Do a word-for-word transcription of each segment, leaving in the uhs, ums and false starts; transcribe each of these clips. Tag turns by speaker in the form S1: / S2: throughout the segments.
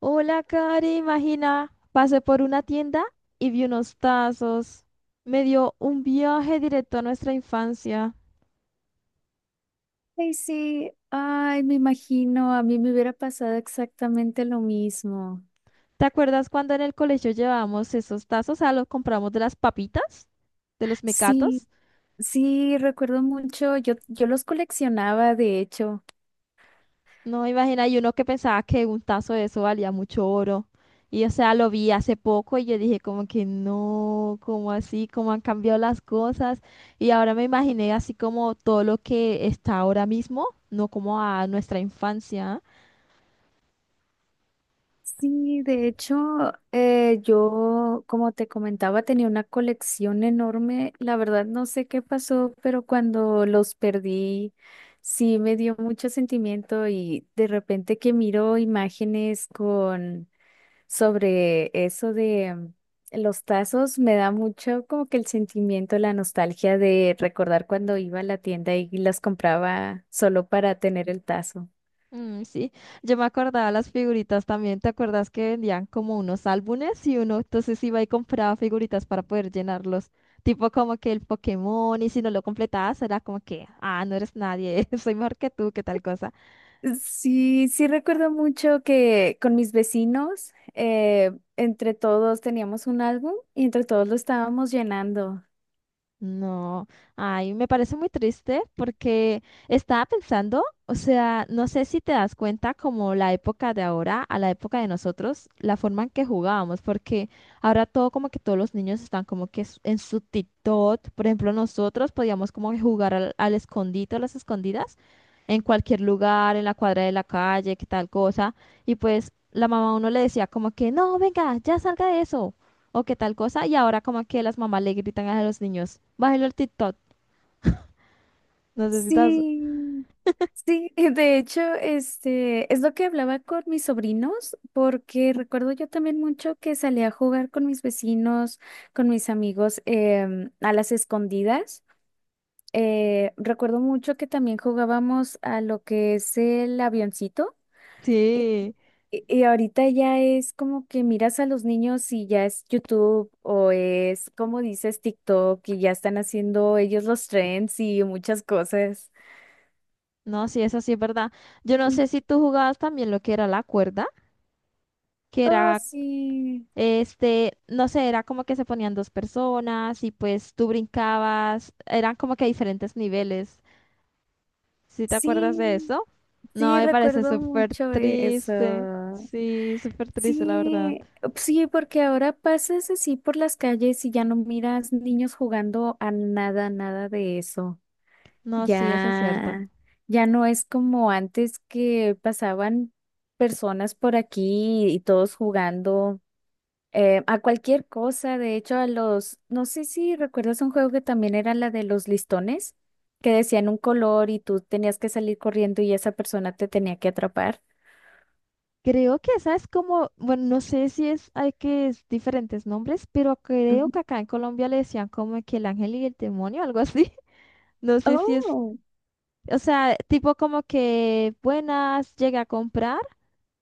S1: Hola, Cari, imagina, pasé por una tienda y vi unos tazos. Me dio un viaje directo a nuestra infancia.
S2: Ay, sí, ay, me imagino, a mí me hubiera pasado exactamente lo mismo.
S1: ¿Te acuerdas cuando en el colegio llevábamos esos tazos? Ah, los compramos de las papitas, de los
S2: Sí,
S1: mecatos.
S2: sí, recuerdo mucho, yo, yo los coleccionaba, de hecho.
S1: No, imagina, y uno que pensaba que un tazo de eso valía mucho oro. Y o sea, lo vi hace poco y yo dije como que no, como así, cómo han cambiado las cosas. Y ahora me imaginé así como todo lo que está ahora mismo, no como a nuestra infancia.
S2: Sí, de hecho, eh, yo, como te comentaba, tenía una colección enorme. La verdad, no sé qué pasó, pero cuando los perdí, sí me dio mucho sentimiento y de repente que miro imágenes con... sobre eso de mm, los tazos, me da mucho como que el sentimiento, la nostalgia de recordar cuando iba a la tienda y las compraba solo para tener el tazo.
S1: Mm, sí, yo me acordaba las figuritas también. ¿Te acuerdas que vendían como unos álbumes y uno entonces iba y compraba figuritas para poder llenarlos? Tipo como que el Pokémon y si no lo completabas era como que, ah, no eres nadie, soy mejor que tú, qué tal cosa.
S2: Sí, sí recuerdo mucho que con mis vecinos, eh, entre todos teníamos un álbum y entre todos lo estábamos llenando.
S1: No, ay, me parece muy triste porque estaba pensando, o sea, no sé si te das cuenta como la época de ahora a la época de nosotros, la forma en que jugábamos, porque ahora todo como que todos los niños están como que s- en su TikTok, por ejemplo, nosotros podíamos como que jugar al, al escondite o las escondidas en cualquier lugar, en la cuadra de la calle, que tal cosa, y pues la mamá a uno le decía como que, no, venga, ya salga de eso o qué tal cosa, y ahora como que las mamás le gritan a los niños, bájelo el TikTok, necesitas.
S2: Sí. Sí, de hecho, este es lo que hablaba con mis sobrinos, porque recuerdo yo también mucho que salía a jugar con mis vecinos, con mis amigos em, a las escondidas. Eh, recuerdo mucho que también jugábamos a lo que es el avioncito. Y,
S1: Sí,
S2: y- y ahorita ya es como que miras a los niños y ya es YouTube o es, como dices, TikTok y ya están haciendo ellos los trends y muchas cosas.
S1: no, sí, eso sí es verdad. Yo no
S2: Mm.
S1: sé si tú jugabas también lo que era la cuerda, que
S2: Oh,
S1: era,
S2: sí.
S1: este, no sé, era como que se ponían dos personas y pues tú brincabas, eran como que diferentes niveles. ¿Sí te acuerdas de
S2: Sí,
S1: eso? No,
S2: sí,
S1: me parece
S2: recuerdo
S1: súper
S2: mucho eso.
S1: triste. Sí, súper triste, la verdad.
S2: Sí, sí, porque ahora pasas así por las calles y ya no miras niños jugando a nada, nada de eso.
S1: No, sí, eso es cierto.
S2: Ya, ya no es como antes que pasaban personas por aquí y todos jugando eh, a cualquier cosa, de hecho, a los, no sé si recuerdas un juego que también era la de los listones, que decían un color y tú tenías que salir corriendo y esa persona te tenía que atrapar.
S1: Creo que esa es como, bueno, no sé si es, hay que es diferentes nombres, pero creo
S2: Ujú.
S1: que acá en Colombia le decían como que el ángel y el demonio, algo así. No sé si es,
S2: Oh,
S1: o sea, tipo como que buenas, llegué a comprar,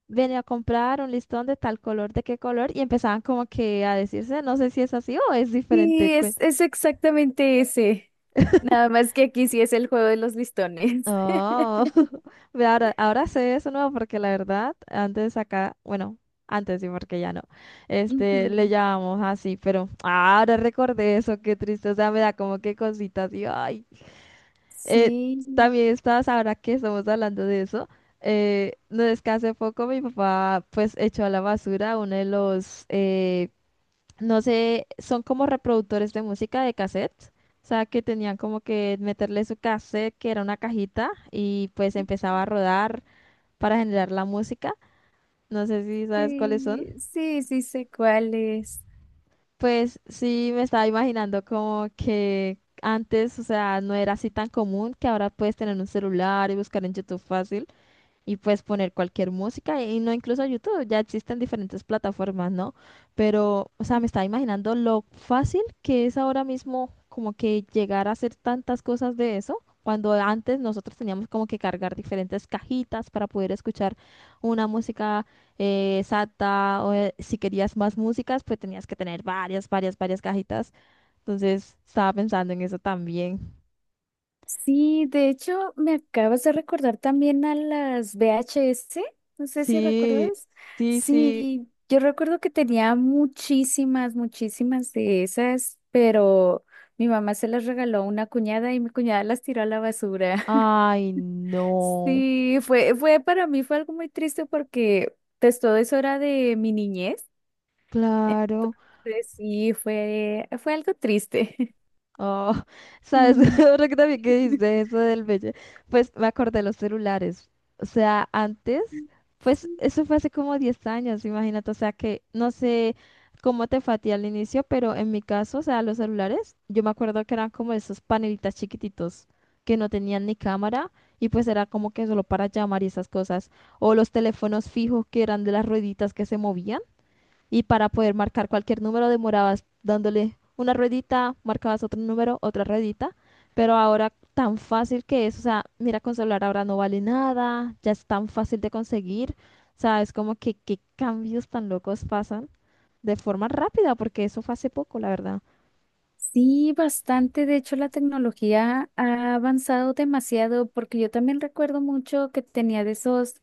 S1: venía a comprar un listón de tal color, de qué color, y empezaban como que a decirse, no sé si es así o es
S2: sí,
S1: diferente.
S2: es, es exactamente ese. Nada más que aquí sí es el juego de los listones.
S1: Oh, ve, ahora, ahora sé eso nuevo porque la verdad, antes acá, bueno, antes sí, porque ya no, este, le
S2: Ujú.
S1: llamamos así, pero ahora recordé eso, qué triste, o sea, me da como que cositas y ay. Eh,
S2: Sí,
S1: también estás, ahora que estamos hablando de eso, eh, no es que hace poco mi papá pues echó a la basura uno de los, eh, no sé, son como reproductores de música de cassette. O sea, que tenían como que meterle su cassette, que era una cajita, y pues empezaba a rodar para generar la música. No sé si sabes cuáles son.
S2: sí, sí, sí sé cuál es.
S1: Pues sí, me estaba imaginando como que antes, o sea, no era así tan común que ahora puedes tener un celular y buscar en YouTube fácil. Y puedes poner cualquier música y no incluso YouTube, ya existen diferentes plataformas, ¿no? Pero, o sea, me estaba imaginando lo fácil que es ahora mismo como que llegar a hacer tantas cosas de eso, cuando antes nosotros teníamos como que cargar diferentes cajitas para poder escuchar una música eh, exacta o eh, si querías más músicas, pues tenías que tener varias, varias, varias cajitas. Entonces, estaba pensando en eso también.
S2: Sí, de hecho, me acabas de recordar también a las V H S, no sé si
S1: Sí,
S2: recuerdas.
S1: sí, sí.
S2: Sí, yo recuerdo que tenía muchísimas, muchísimas de esas, pero mi mamá se las regaló a una cuñada y mi cuñada las tiró a la basura.
S1: Ay, no.
S2: Sí, fue, fue para mí fue algo muy triste porque pues, todo eso era de mi niñez.
S1: Claro,
S2: Entonces, sí, fue, fue algo triste.
S1: oh, sabes,
S2: Mm.
S1: ahora que también que dijiste eso del bello, pues me acordé de los celulares, o sea, antes, pues eso fue hace como diez años, imagínate, o sea que no sé cómo te fue a ti al inicio, pero en mi caso, o sea, los celulares, yo me acuerdo que eran como esos panelitas chiquititos que no tenían ni cámara y pues era como que solo para llamar y esas cosas, o los teléfonos fijos que eran de las rueditas que se movían. Y para poder marcar cualquier número demorabas dándole una ruedita, marcabas otro número, otra ruedita. Pero ahora tan fácil que es, o sea, mira, con celular ahora no vale nada, ya es tan fácil de conseguir. O sea, es como que qué cambios tan locos pasan de forma rápida, porque eso fue hace poco, la verdad.
S2: Sí, bastante. De hecho, la tecnología ha avanzado demasiado porque yo también recuerdo mucho que tenía de esos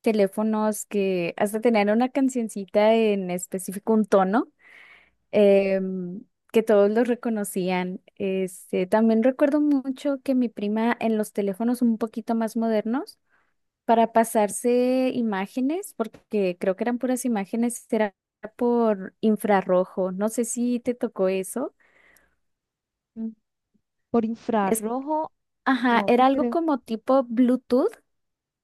S2: teléfonos que hasta tenían una cancioncita en específico, un tono, em, que todos los reconocían. Este, también recuerdo mucho que mi prima en los teléfonos un poquito más modernos, para pasarse imágenes, porque creo que eran puras imágenes, era por infrarrojo. No sé si te tocó eso.
S1: Mm. Por infrarrojo,
S2: Ajá,
S1: no
S2: era algo
S1: creo.
S2: como tipo Bluetooth,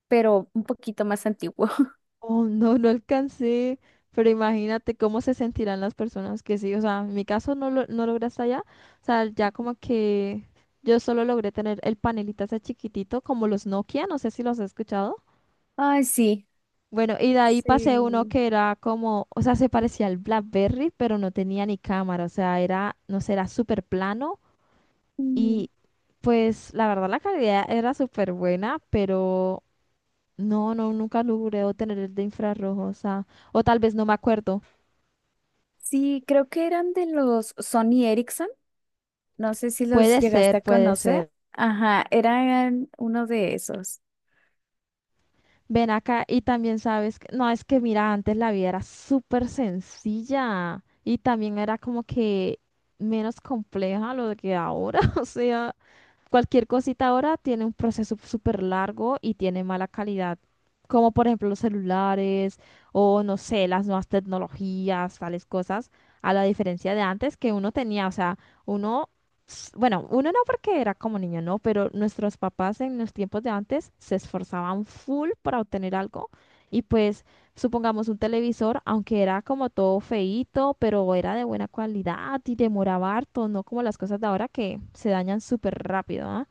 S2: pero un poquito más antiguo.
S1: Oh, no, no alcancé, pero imagínate cómo se sentirán las personas que sí, o sea, en mi caso no, lo, no logré hasta allá, o sea, ya como que yo solo logré tener el panelita ese chiquitito, como los Nokia, no sé si los has escuchado.
S2: Ay, sí.
S1: Bueno, y de ahí pasé uno
S2: Sí.
S1: que era como, o sea, se parecía al BlackBerry, pero no tenía ni cámara, o sea, era, no sé, era súper plano
S2: Mm,
S1: y pues la verdad la calidad era súper buena, pero no, no, nunca logré obtener el de infrarrojo, o sea, o tal vez no me acuerdo.
S2: Sí, creo que eran de los Sony Ericsson. No sé si los
S1: Puede
S2: llegaste
S1: ser,
S2: a
S1: puede ser.
S2: conocer. Ajá, eran uno de esos.
S1: Ven acá y también sabes que, no, es que mira, antes la vida era súper sencilla y también era como que menos compleja lo que ahora, o sea, cualquier cosita ahora tiene un proceso súper largo y tiene mala calidad, como por ejemplo los celulares o no sé, las nuevas tecnologías, tales cosas, a la diferencia de antes que uno tenía, o sea, uno, s- bueno, uno no porque era como niño, no, pero nuestros papás en los tiempos de antes se esforzaban full para obtener algo y pues supongamos un televisor, aunque era como todo feíto, pero era de buena calidad y demoraba harto, no como las cosas de ahora que se dañan súper rápido, ¿ah?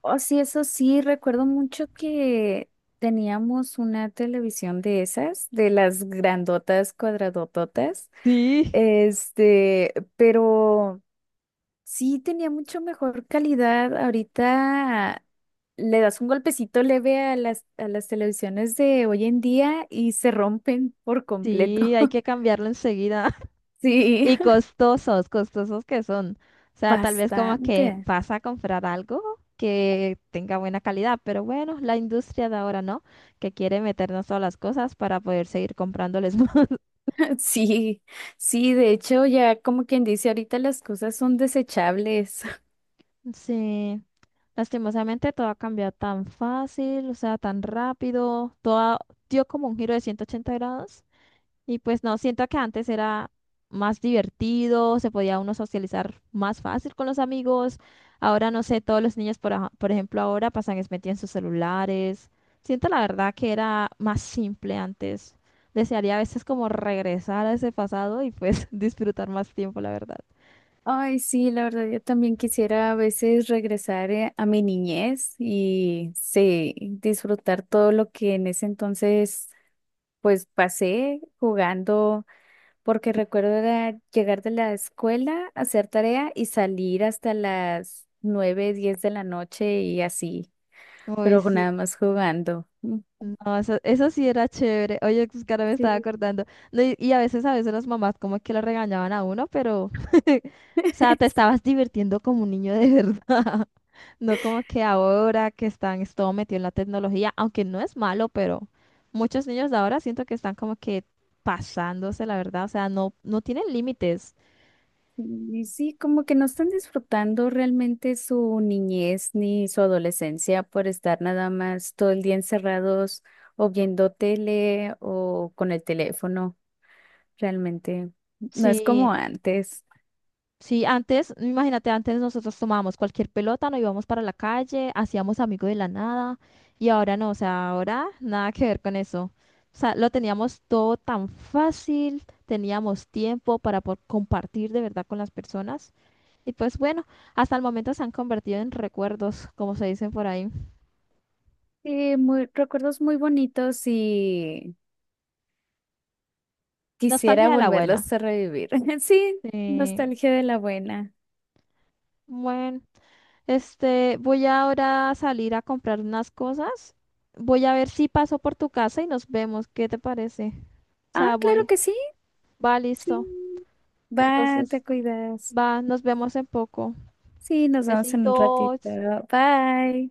S2: Oh, sí, eso sí, recuerdo mucho que teníamos una televisión de esas, de las grandotas, cuadradototas.
S1: Sí.
S2: Este, pero. Sí, tenía mucho mejor calidad. Ahorita le das un golpecito leve a las, a las televisiones de hoy en día y se rompen por
S1: Sí,
S2: completo.
S1: hay que cambiarlo enseguida.
S2: Sí,
S1: Y costosos, costosos que son. O sea, tal vez como que
S2: bastante.
S1: vas a comprar algo que tenga buena calidad, pero bueno, la industria de ahora no, que quiere meternos todas las cosas para poder seguir comprándoles.
S2: Sí, sí, de hecho ya como quien dice, ahorita las cosas son desechables.
S1: Sí, lastimosamente todo ha cambiado tan fácil, o sea, tan rápido, todo dio como un giro de ciento ochenta grados y pues no, siento que antes era más divertido, se podía uno socializar más fácil con los amigos, ahora no sé, todos los niños, por, aja- por ejemplo, ahora pasan es metidos en sus celulares, siento la verdad que era más simple antes, desearía a veces como regresar a ese pasado y pues disfrutar más tiempo, la verdad.
S2: Ay, sí, la verdad yo también quisiera a veces regresar eh, a mi niñez y sí, disfrutar todo lo que en ese entonces pues pasé jugando. Porque recuerdo era llegar de la escuela, hacer tarea y salir hasta las nueve, diez de la noche y así,
S1: Uy,
S2: pero nada
S1: sí.
S2: más jugando. Mm.
S1: No, eso, eso sí era chévere. Oye, pues, que ahora me
S2: Sí.
S1: estaba acordando. No, y, y a veces, a veces las mamás como que lo regañaban a uno, pero, o sea, te
S2: Sí.
S1: estabas divirtiendo como un niño de verdad. No como que ahora que están es todo metido en la tecnología, aunque no es malo, pero muchos niños de ahora siento que están como que pasándose, la verdad. O sea, no, no tienen límites.
S2: Y sí, como que no están disfrutando realmente su niñez ni su adolescencia por estar nada más todo el día encerrados o viendo tele o con el teléfono. Realmente no es como
S1: Sí,
S2: antes.
S1: sí, antes, imagínate, antes nosotros tomábamos cualquier pelota, nos íbamos para la calle, hacíamos amigos de la nada, y ahora no, o sea, ahora nada que ver con eso. O sea, lo teníamos todo tan fácil, teníamos tiempo para po- compartir de verdad con las personas, y pues bueno, hasta el momento se han convertido en recuerdos, como se dicen por ahí.
S2: Sí, muy, recuerdos muy bonitos y quisiera
S1: Nostalgia de la buena.
S2: volverlos a revivir. Sí,
S1: Sí,
S2: nostalgia de la buena.
S1: bueno. Este, voy ahora a salir a comprar unas cosas. Voy a ver si paso por tu casa y nos vemos. ¿Qué te parece? O
S2: Ah,
S1: sea,
S2: claro
S1: voy.
S2: que sí.
S1: Va, listo.
S2: Sí. Va, te
S1: Entonces,
S2: cuidas.
S1: va, nos vemos en poco.
S2: Sí, nos vemos en un ratito.
S1: Besitos.
S2: Bye.